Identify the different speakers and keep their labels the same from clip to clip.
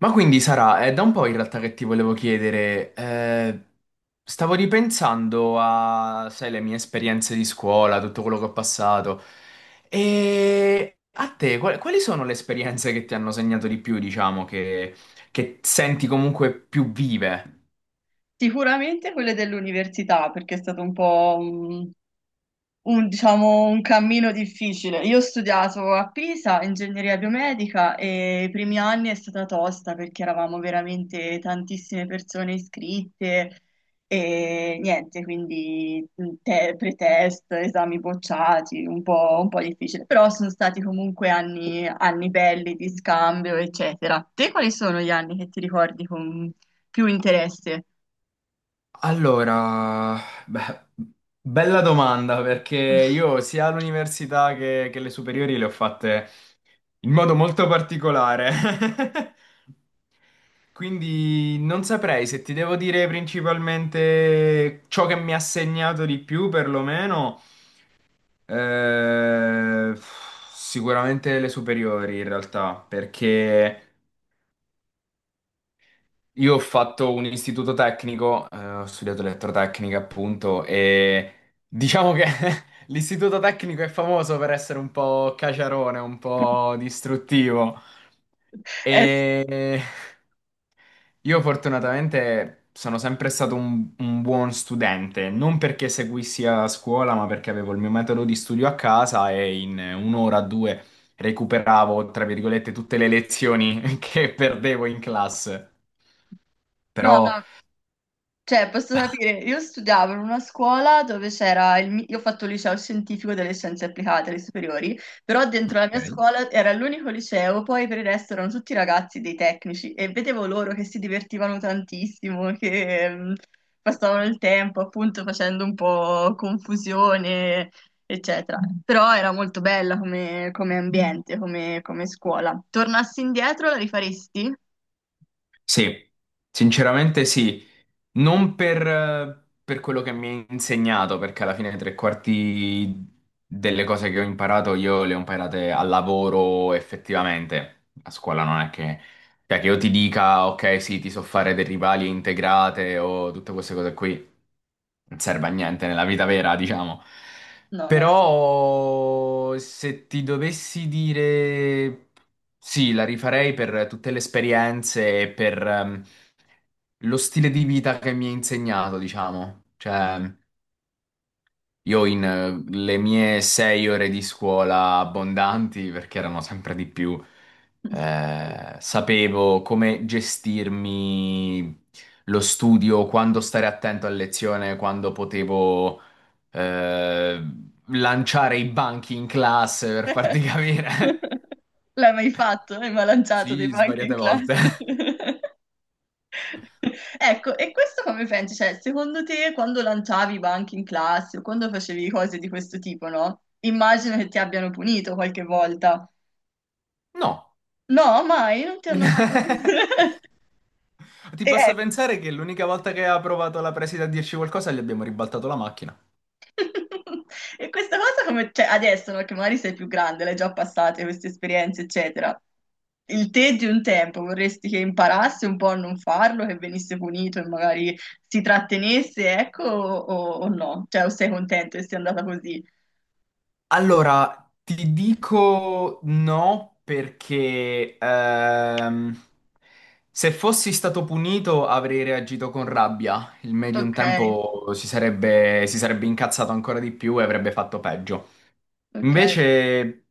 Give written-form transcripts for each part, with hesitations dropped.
Speaker 1: Ma quindi Sara, è da un po' in realtà che ti volevo chiedere, stavo ripensando a, sai, le mie esperienze di scuola, tutto quello che ho passato, e a te, quali sono le esperienze che ti hanno segnato di più, diciamo, che senti comunque più vive?
Speaker 2: Sicuramente quelle dell'università, perché è stato un po' un, diciamo, un cammino difficile. Io ho studiato a Pisa ingegneria biomedica e i primi anni è stata tosta perché eravamo veramente tantissime persone iscritte e niente, quindi pretest, esami bocciati, un po' difficile. Però sono stati comunque anni belli di scambio, eccetera. Te quali sono gli anni che ti ricordi con più interesse?
Speaker 1: Allora, beh, bella domanda, perché io sia all'università che le superiori le ho fatte in modo molto particolare. Quindi non saprei se ti devo dire principalmente ciò che mi ha segnato di più, perlomeno, eh, sicuramente le superiori in realtà, perché io ho fatto un istituto tecnico, ho studiato elettrotecnica appunto e diciamo che l'istituto tecnico è famoso per essere un po' caciarone, un po' distruttivo
Speaker 2: Eh, s-
Speaker 1: e io fortunatamente sono sempre stato un buon studente, non perché seguissi a scuola, ma perché avevo il mio metodo di studio a casa e in un'ora o due recuperavo, tra virgolette, tutte le lezioni che perdevo in classe.
Speaker 2: no, no,
Speaker 1: Però.
Speaker 2: cioè posso sapere, io studiavo in una scuola dove c'era io ho fatto il liceo scientifico delle scienze applicate alle superiori, però dentro la mia
Speaker 1: Ok.
Speaker 2: scuola era l'unico liceo, poi per il resto erano tutti ragazzi dei tecnici e vedevo loro che si divertivano tantissimo, che passavano il tempo appunto facendo un po' confusione, eccetera. Però era molto bella come ambiente, come scuola. Tornassi indietro, la rifaresti?
Speaker 1: Sì, sinceramente sì, non per quello che mi ha insegnato, perché alla fine tre quarti delle cose che ho imparato io le ho imparate al lavoro effettivamente. A scuola non è che, cioè, che io ti dica, ok, sì, ti so fare derivali integrate o tutte queste cose qui. Non serve a niente nella vita vera, diciamo.
Speaker 2: No, no, sì.
Speaker 1: Però se ti dovessi dire sì, la rifarei per tutte le esperienze e per lo stile di vita che mi ha insegnato, diciamo. Cioè, io in le mie 6 ore di scuola abbondanti, perché erano sempre di più, sapevo come gestirmi lo studio, quando stare attento a lezione, quando potevo eh, lanciare i banchi in classe per farti capire.
Speaker 2: L'hai mai fatto? Hai mai lanciato dei
Speaker 1: Sì,
Speaker 2: banchi in
Speaker 1: svariate volte.
Speaker 2: classe? Ecco, e questo come pensi? Cioè, secondo te quando lanciavi i banchi in classe o quando facevi cose di questo tipo, no? Immagino che ti abbiano punito qualche volta.
Speaker 1: No.
Speaker 2: No, mai, non ti hanno mai...
Speaker 1: Ti
Speaker 2: E
Speaker 1: basta
Speaker 2: ecco.
Speaker 1: pensare che l'unica volta che ha provato la preside a dirci qualcosa gli abbiamo ribaltato la macchina.
Speaker 2: E questa cosa come, cioè, adesso, no, che magari sei più grande, l'hai già passate queste esperienze, eccetera. Il te di un tempo vorresti che imparasse un po' a non farlo, che venisse punito e magari si trattenesse, ecco, o no? Cioè, o sei contento che sia andata così?
Speaker 1: Allora, ti dico no perché se fossi stato punito avrei reagito con rabbia. Il medium
Speaker 2: Ok,
Speaker 1: tempo si sarebbe incazzato ancora di più e avrebbe fatto peggio.
Speaker 2: ok,
Speaker 1: Invece,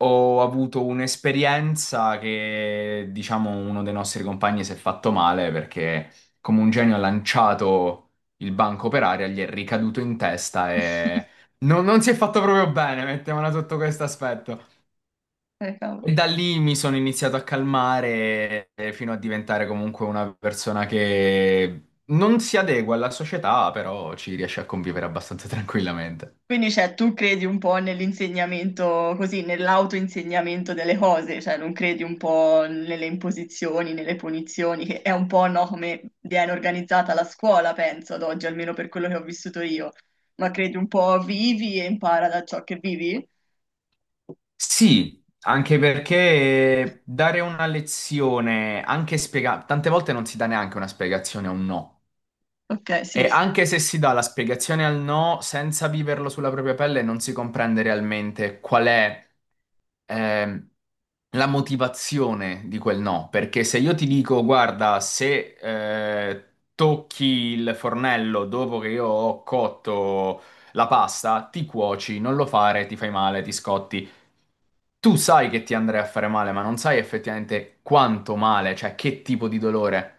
Speaker 1: ho avuto un'esperienza che, diciamo, uno dei nostri compagni si è fatto male perché come un genio ha lanciato il banco per aria, gli è ricaduto in testa e non si è fatto proprio bene, mettiamola sotto questo aspetto.
Speaker 2: cavolo.
Speaker 1: E da lì mi sono iniziato a calmare fino a diventare comunque una persona che non si adegua alla società, però ci riesce a convivere abbastanza tranquillamente.
Speaker 2: Quindi, cioè, tu credi un po' nell'insegnamento, così, nell'autoinsegnamento delle cose, cioè non credi un po' nelle imposizioni, nelle punizioni, che è un po', no, come viene organizzata la scuola, penso, ad oggi, almeno per quello che ho vissuto io. Ma credi un po' vivi e impara da ciò che vivi?
Speaker 1: Sì, anche perché dare una lezione, anche spiegare, tante volte non si dà neanche una spiegazione a un no.
Speaker 2: Ok,
Speaker 1: E
Speaker 2: sì, sì.
Speaker 1: anche se si dà la spiegazione al no, senza viverlo sulla propria pelle, non si comprende realmente qual è ehm, la motivazione di quel no. Perché se io ti dico, guarda, se tocchi il fornello dopo che io ho cotto la pasta, ti cuoci, non lo fare, ti fai male, ti scotti. Tu sai che ti andrei a fare male, ma non sai effettivamente quanto male, cioè che tipo di dolore.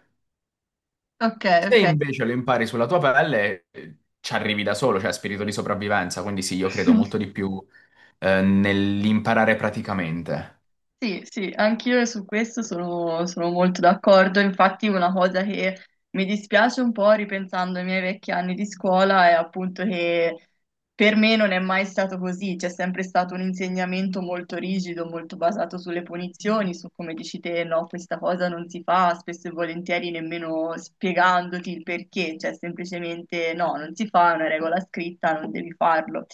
Speaker 2: Ok,
Speaker 1: Se
Speaker 2: ok.
Speaker 1: invece lo impari sulla tua pelle, ci arrivi da solo, cioè spirito di sopravvivenza, quindi sì, io credo molto di più nell'imparare praticamente.
Speaker 2: Sì, sì, anch'io su questo sono molto d'accordo. Infatti, una cosa che mi dispiace un po' ripensando ai miei vecchi anni di scuola è appunto che per me non è mai stato così, c'è sempre stato un insegnamento molto rigido, molto basato sulle punizioni, su come dici te, no, questa cosa non si fa, spesso e volentieri nemmeno spiegandoti il perché, cioè semplicemente no, non si fa, è una regola scritta, non devi farlo.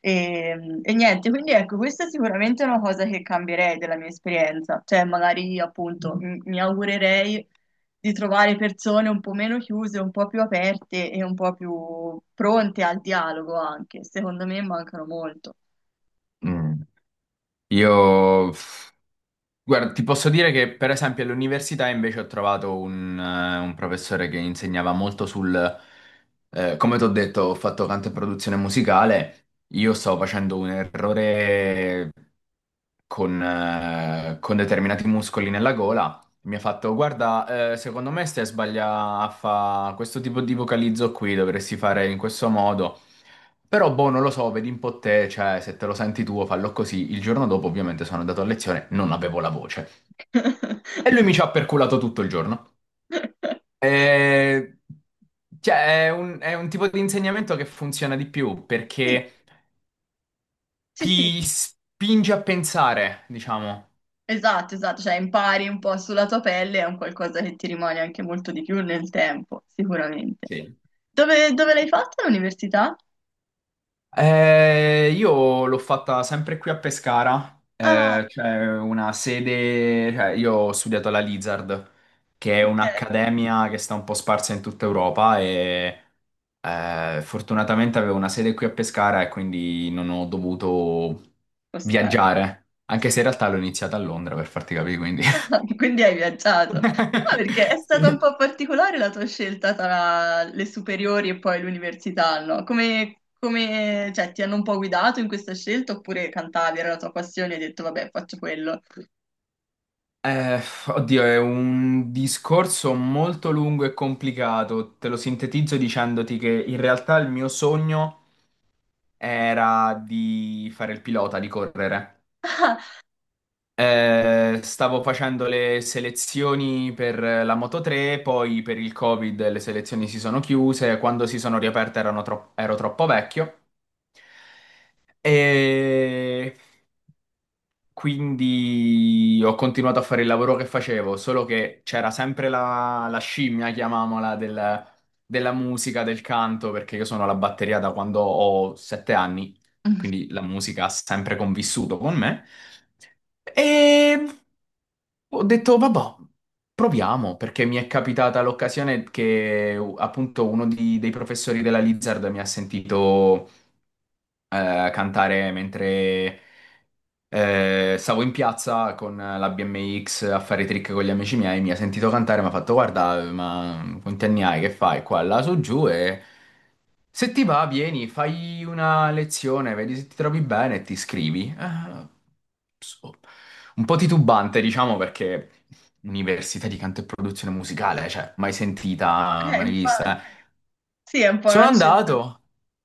Speaker 2: E niente, quindi ecco, questa è sicuramente una cosa che cambierei della mia esperienza, cioè magari appunto mi augurerei di trovare persone un po' meno chiuse, un po' più aperte e un po' più pronte al dialogo anche. Secondo me mancano molto.
Speaker 1: Mm. Io, pff, guarda, ti posso dire che per esempio all'università invece ho trovato un professore che insegnava molto sul, come ti ho detto, ho fatto canto e produzione musicale, io stavo facendo un errore con determinati muscoli nella gola. Mi ha fatto, guarda, secondo me stai sbagliando a fare questo tipo di vocalizzo qui, dovresti fare in questo modo. Però, boh, non lo so, vedi un po' te, cioè, se te lo senti tu, fallo così. Il giorno dopo, ovviamente, sono andato a lezione, non avevo la voce. E lui mi ci ha perculato tutto il giorno. E... Cioè, è un tipo di insegnamento che funziona di più,
Speaker 2: Sì,
Speaker 1: perché
Speaker 2: sì, sì,
Speaker 1: ti spinge a pensare, diciamo.
Speaker 2: esatto, esatto, cioè impari un po' sulla tua pelle, è un qualcosa che ti rimane anche molto di più nel tempo, sicuramente.
Speaker 1: Sì.
Speaker 2: Dove l'hai fatta l'università?
Speaker 1: Io l'ho fatta sempre qui a Pescara,
Speaker 2: Ah,
Speaker 1: c'è una sede, cioè io ho studiato alla Lizard, che è un'accademia che sta un po' sparsa in tutta Europa e fortunatamente avevo una sede qui a Pescara e quindi non ho dovuto
Speaker 2: ok.
Speaker 1: viaggiare, anche se in realtà l'ho iniziata a Londra per farti capire, quindi...
Speaker 2: Quindi hai viaggiato. Ah, perché è stata un
Speaker 1: Sì.
Speaker 2: po' particolare la tua scelta tra le superiori e poi l'università, no? Cioè, ti hanno un po' guidato in questa scelta oppure cantavi, era la tua passione e hai detto, vabbè, faccio quello.
Speaker 1: Eh, oddio, è un discorso molto lungo e complicato. Te lo sintetizzo dicendoti che in realtà il mio sogno era di fare il pilota, di correre. Stavo facendo le selezioni per la Moto 3, poi per il Covid le selezioni si sono chiuse, quando si sono riaperte erano ero troppo vecchio. E quindi ho continuato a fare il lavoro che facevo, solo che c'era sempre la scimmia, chiamiamola, della musica, del canto, perché io sono alla batteria da quando ho 7 anni,
Speaker 2: Ah,
Speaker 1: quindi la musica ha sempre convissuto con me. E ho detto, vabbè, proviamo, perché mi è capitata l'occasione che appunto uno dei professori della Lizard mi ha sentito cantare mentre stavo in piazza con la BMX a fare i trick con gli amici miei, mi ha sentito cantare, mi ha fatto guarda, ma quanti anni hai, che fai qua, là, su, giù e se ti va vieni, fai una lezione, vedi se ti trovi bene e ti iscrivi. So- un po' titubante, diciamo, perché università di canto e produzione musicale, cioè, mai sentita, mai
Speaker 2: infatti,
Speaker 1: vista.
Speaker 2: sì, è un po'
Speaker 1: Sono andato,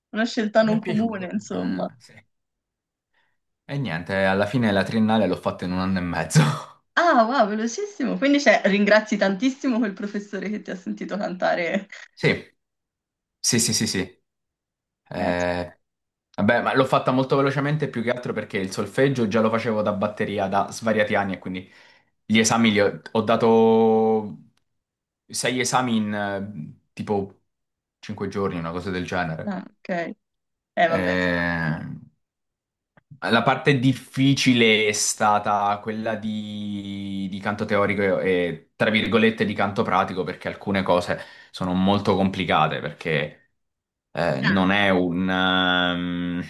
Speaker 2: una scelta
Speaker 1: mi
Speaker 2: non
Speaker 1: è
Speaker 2: comune,
Speaker 1: piaciuto,
Speaker 2: insomma.
Speaker 1: sì. E niente, alla fine la triennale l'ho fatta in un anno e mezzo.
Speaker 2: Ah, wow, velocissimo. Quindi, cioè, ringrazi tantissimo quel professore che ti ha sentito cantare.
Speaker 1: Sì. Sì, sì, sì, sì.
Speaker 2: Eh,
Speaker 1: Eh, vabbè, ma l'ho fatta molto velocemente più che altro perché il solfeggio già lo facevo da batteria da svariati anni e quindi gli esami li ho dato sei esami in tipo 5 giorni, una cosa del genere.
Speaker 2: ah, ok. Vabbè.
Speaker 1: Eh, la parte difficile è stata quella di canto teorico e, tra virgolette, di canto pratico perché alcune cose sono molto complicate perché...
Speaker 2: Ah.
Speaker 1: non è un,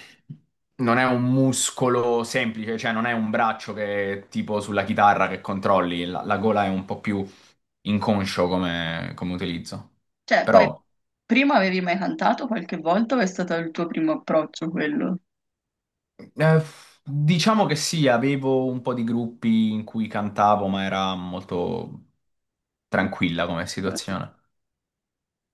Speaker 1: non è un muscolo semplice, cioè non è un braccio che tipo sulla chitarra che controlli, la gola è un po' più inconscio come, come utilizzo.
Speaker 2: Cioè, poi
Speaker 1: Però
Speaker 2: prima avevi mai cantato qualche volta o è stato il tuo primo approccio quello?
Speaker 1: eh, diciamo che sì, avevo un po' di gruppi in cui cantavo, ma era molto tranquilla come situazione.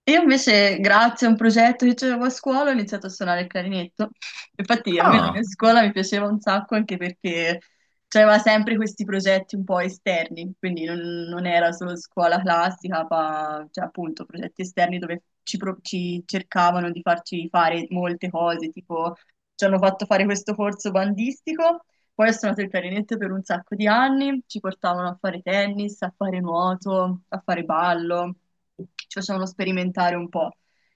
Speaker 2: Io invece, grazie a un progetto che avevo a scuola, ho iniziato a suonare il clarinetto. Infatti, a me la mia
Speaker 1: Ah,
Speaker 2: scuola mi piaceva un sacco anche perché c'aveva sempre questi progetti un po' esterni, quindi non era solo scuola classica, ma cioè, appunto progetti esterni dove ci cercavano di farci fare molte cose, tipo ci hanno fatto fare questo corso bandistico, poi ho suonato il clarinetto per un sacco di anni, ci portavano a fare tennis, a fare nuoto, a fare ballo ci facevano sperimentare un po'.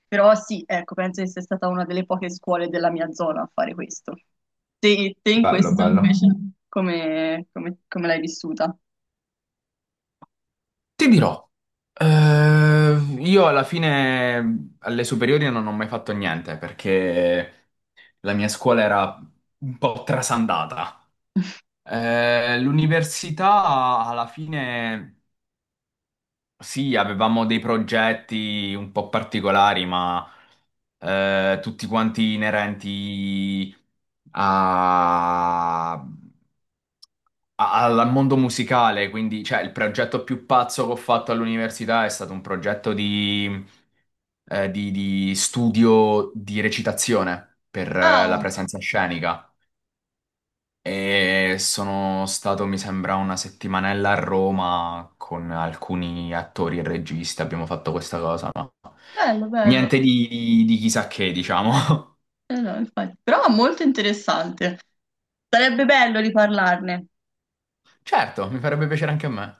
Speaker 2: Però sì, ecco, penso che sia stata una delle poche scuole della mia zona a fare questo. Te in
Speaker 1: bello,
Speaker 2: questo
Speaker 1: bello.
Speaker 2: invece come l'hai vissuta?
Speaker 1: Ti dirò. Io alla fine alle superiori non ho mai fatto niente perché la mia scuola era un po' trasandata. L'università alla fine sì, avevamo dei progetti un po' particolari, ma tutti quanti inerenti a- a- al mondo musicale. Quindi, cioè, il progetto più pazzo che ho fatto all'università è stato un progetto di studio di recitazione per la
Speaker 2: Ah,
Speaker 1: presenza scenica. E sono stato, mi sembra, una settimanella a Roma con alcuni attori e registi. Abbiamo fatto questa cosa, no?
Speaker 2: bello, bello.
Speaker 1: Niente di chissà che, diciamo.
Speaker 2: Eh no, infatti. Però molto interessante. Sarebbe bello riparlarne.
Speaker 1: Certo, mi farebbe piacere anche a me.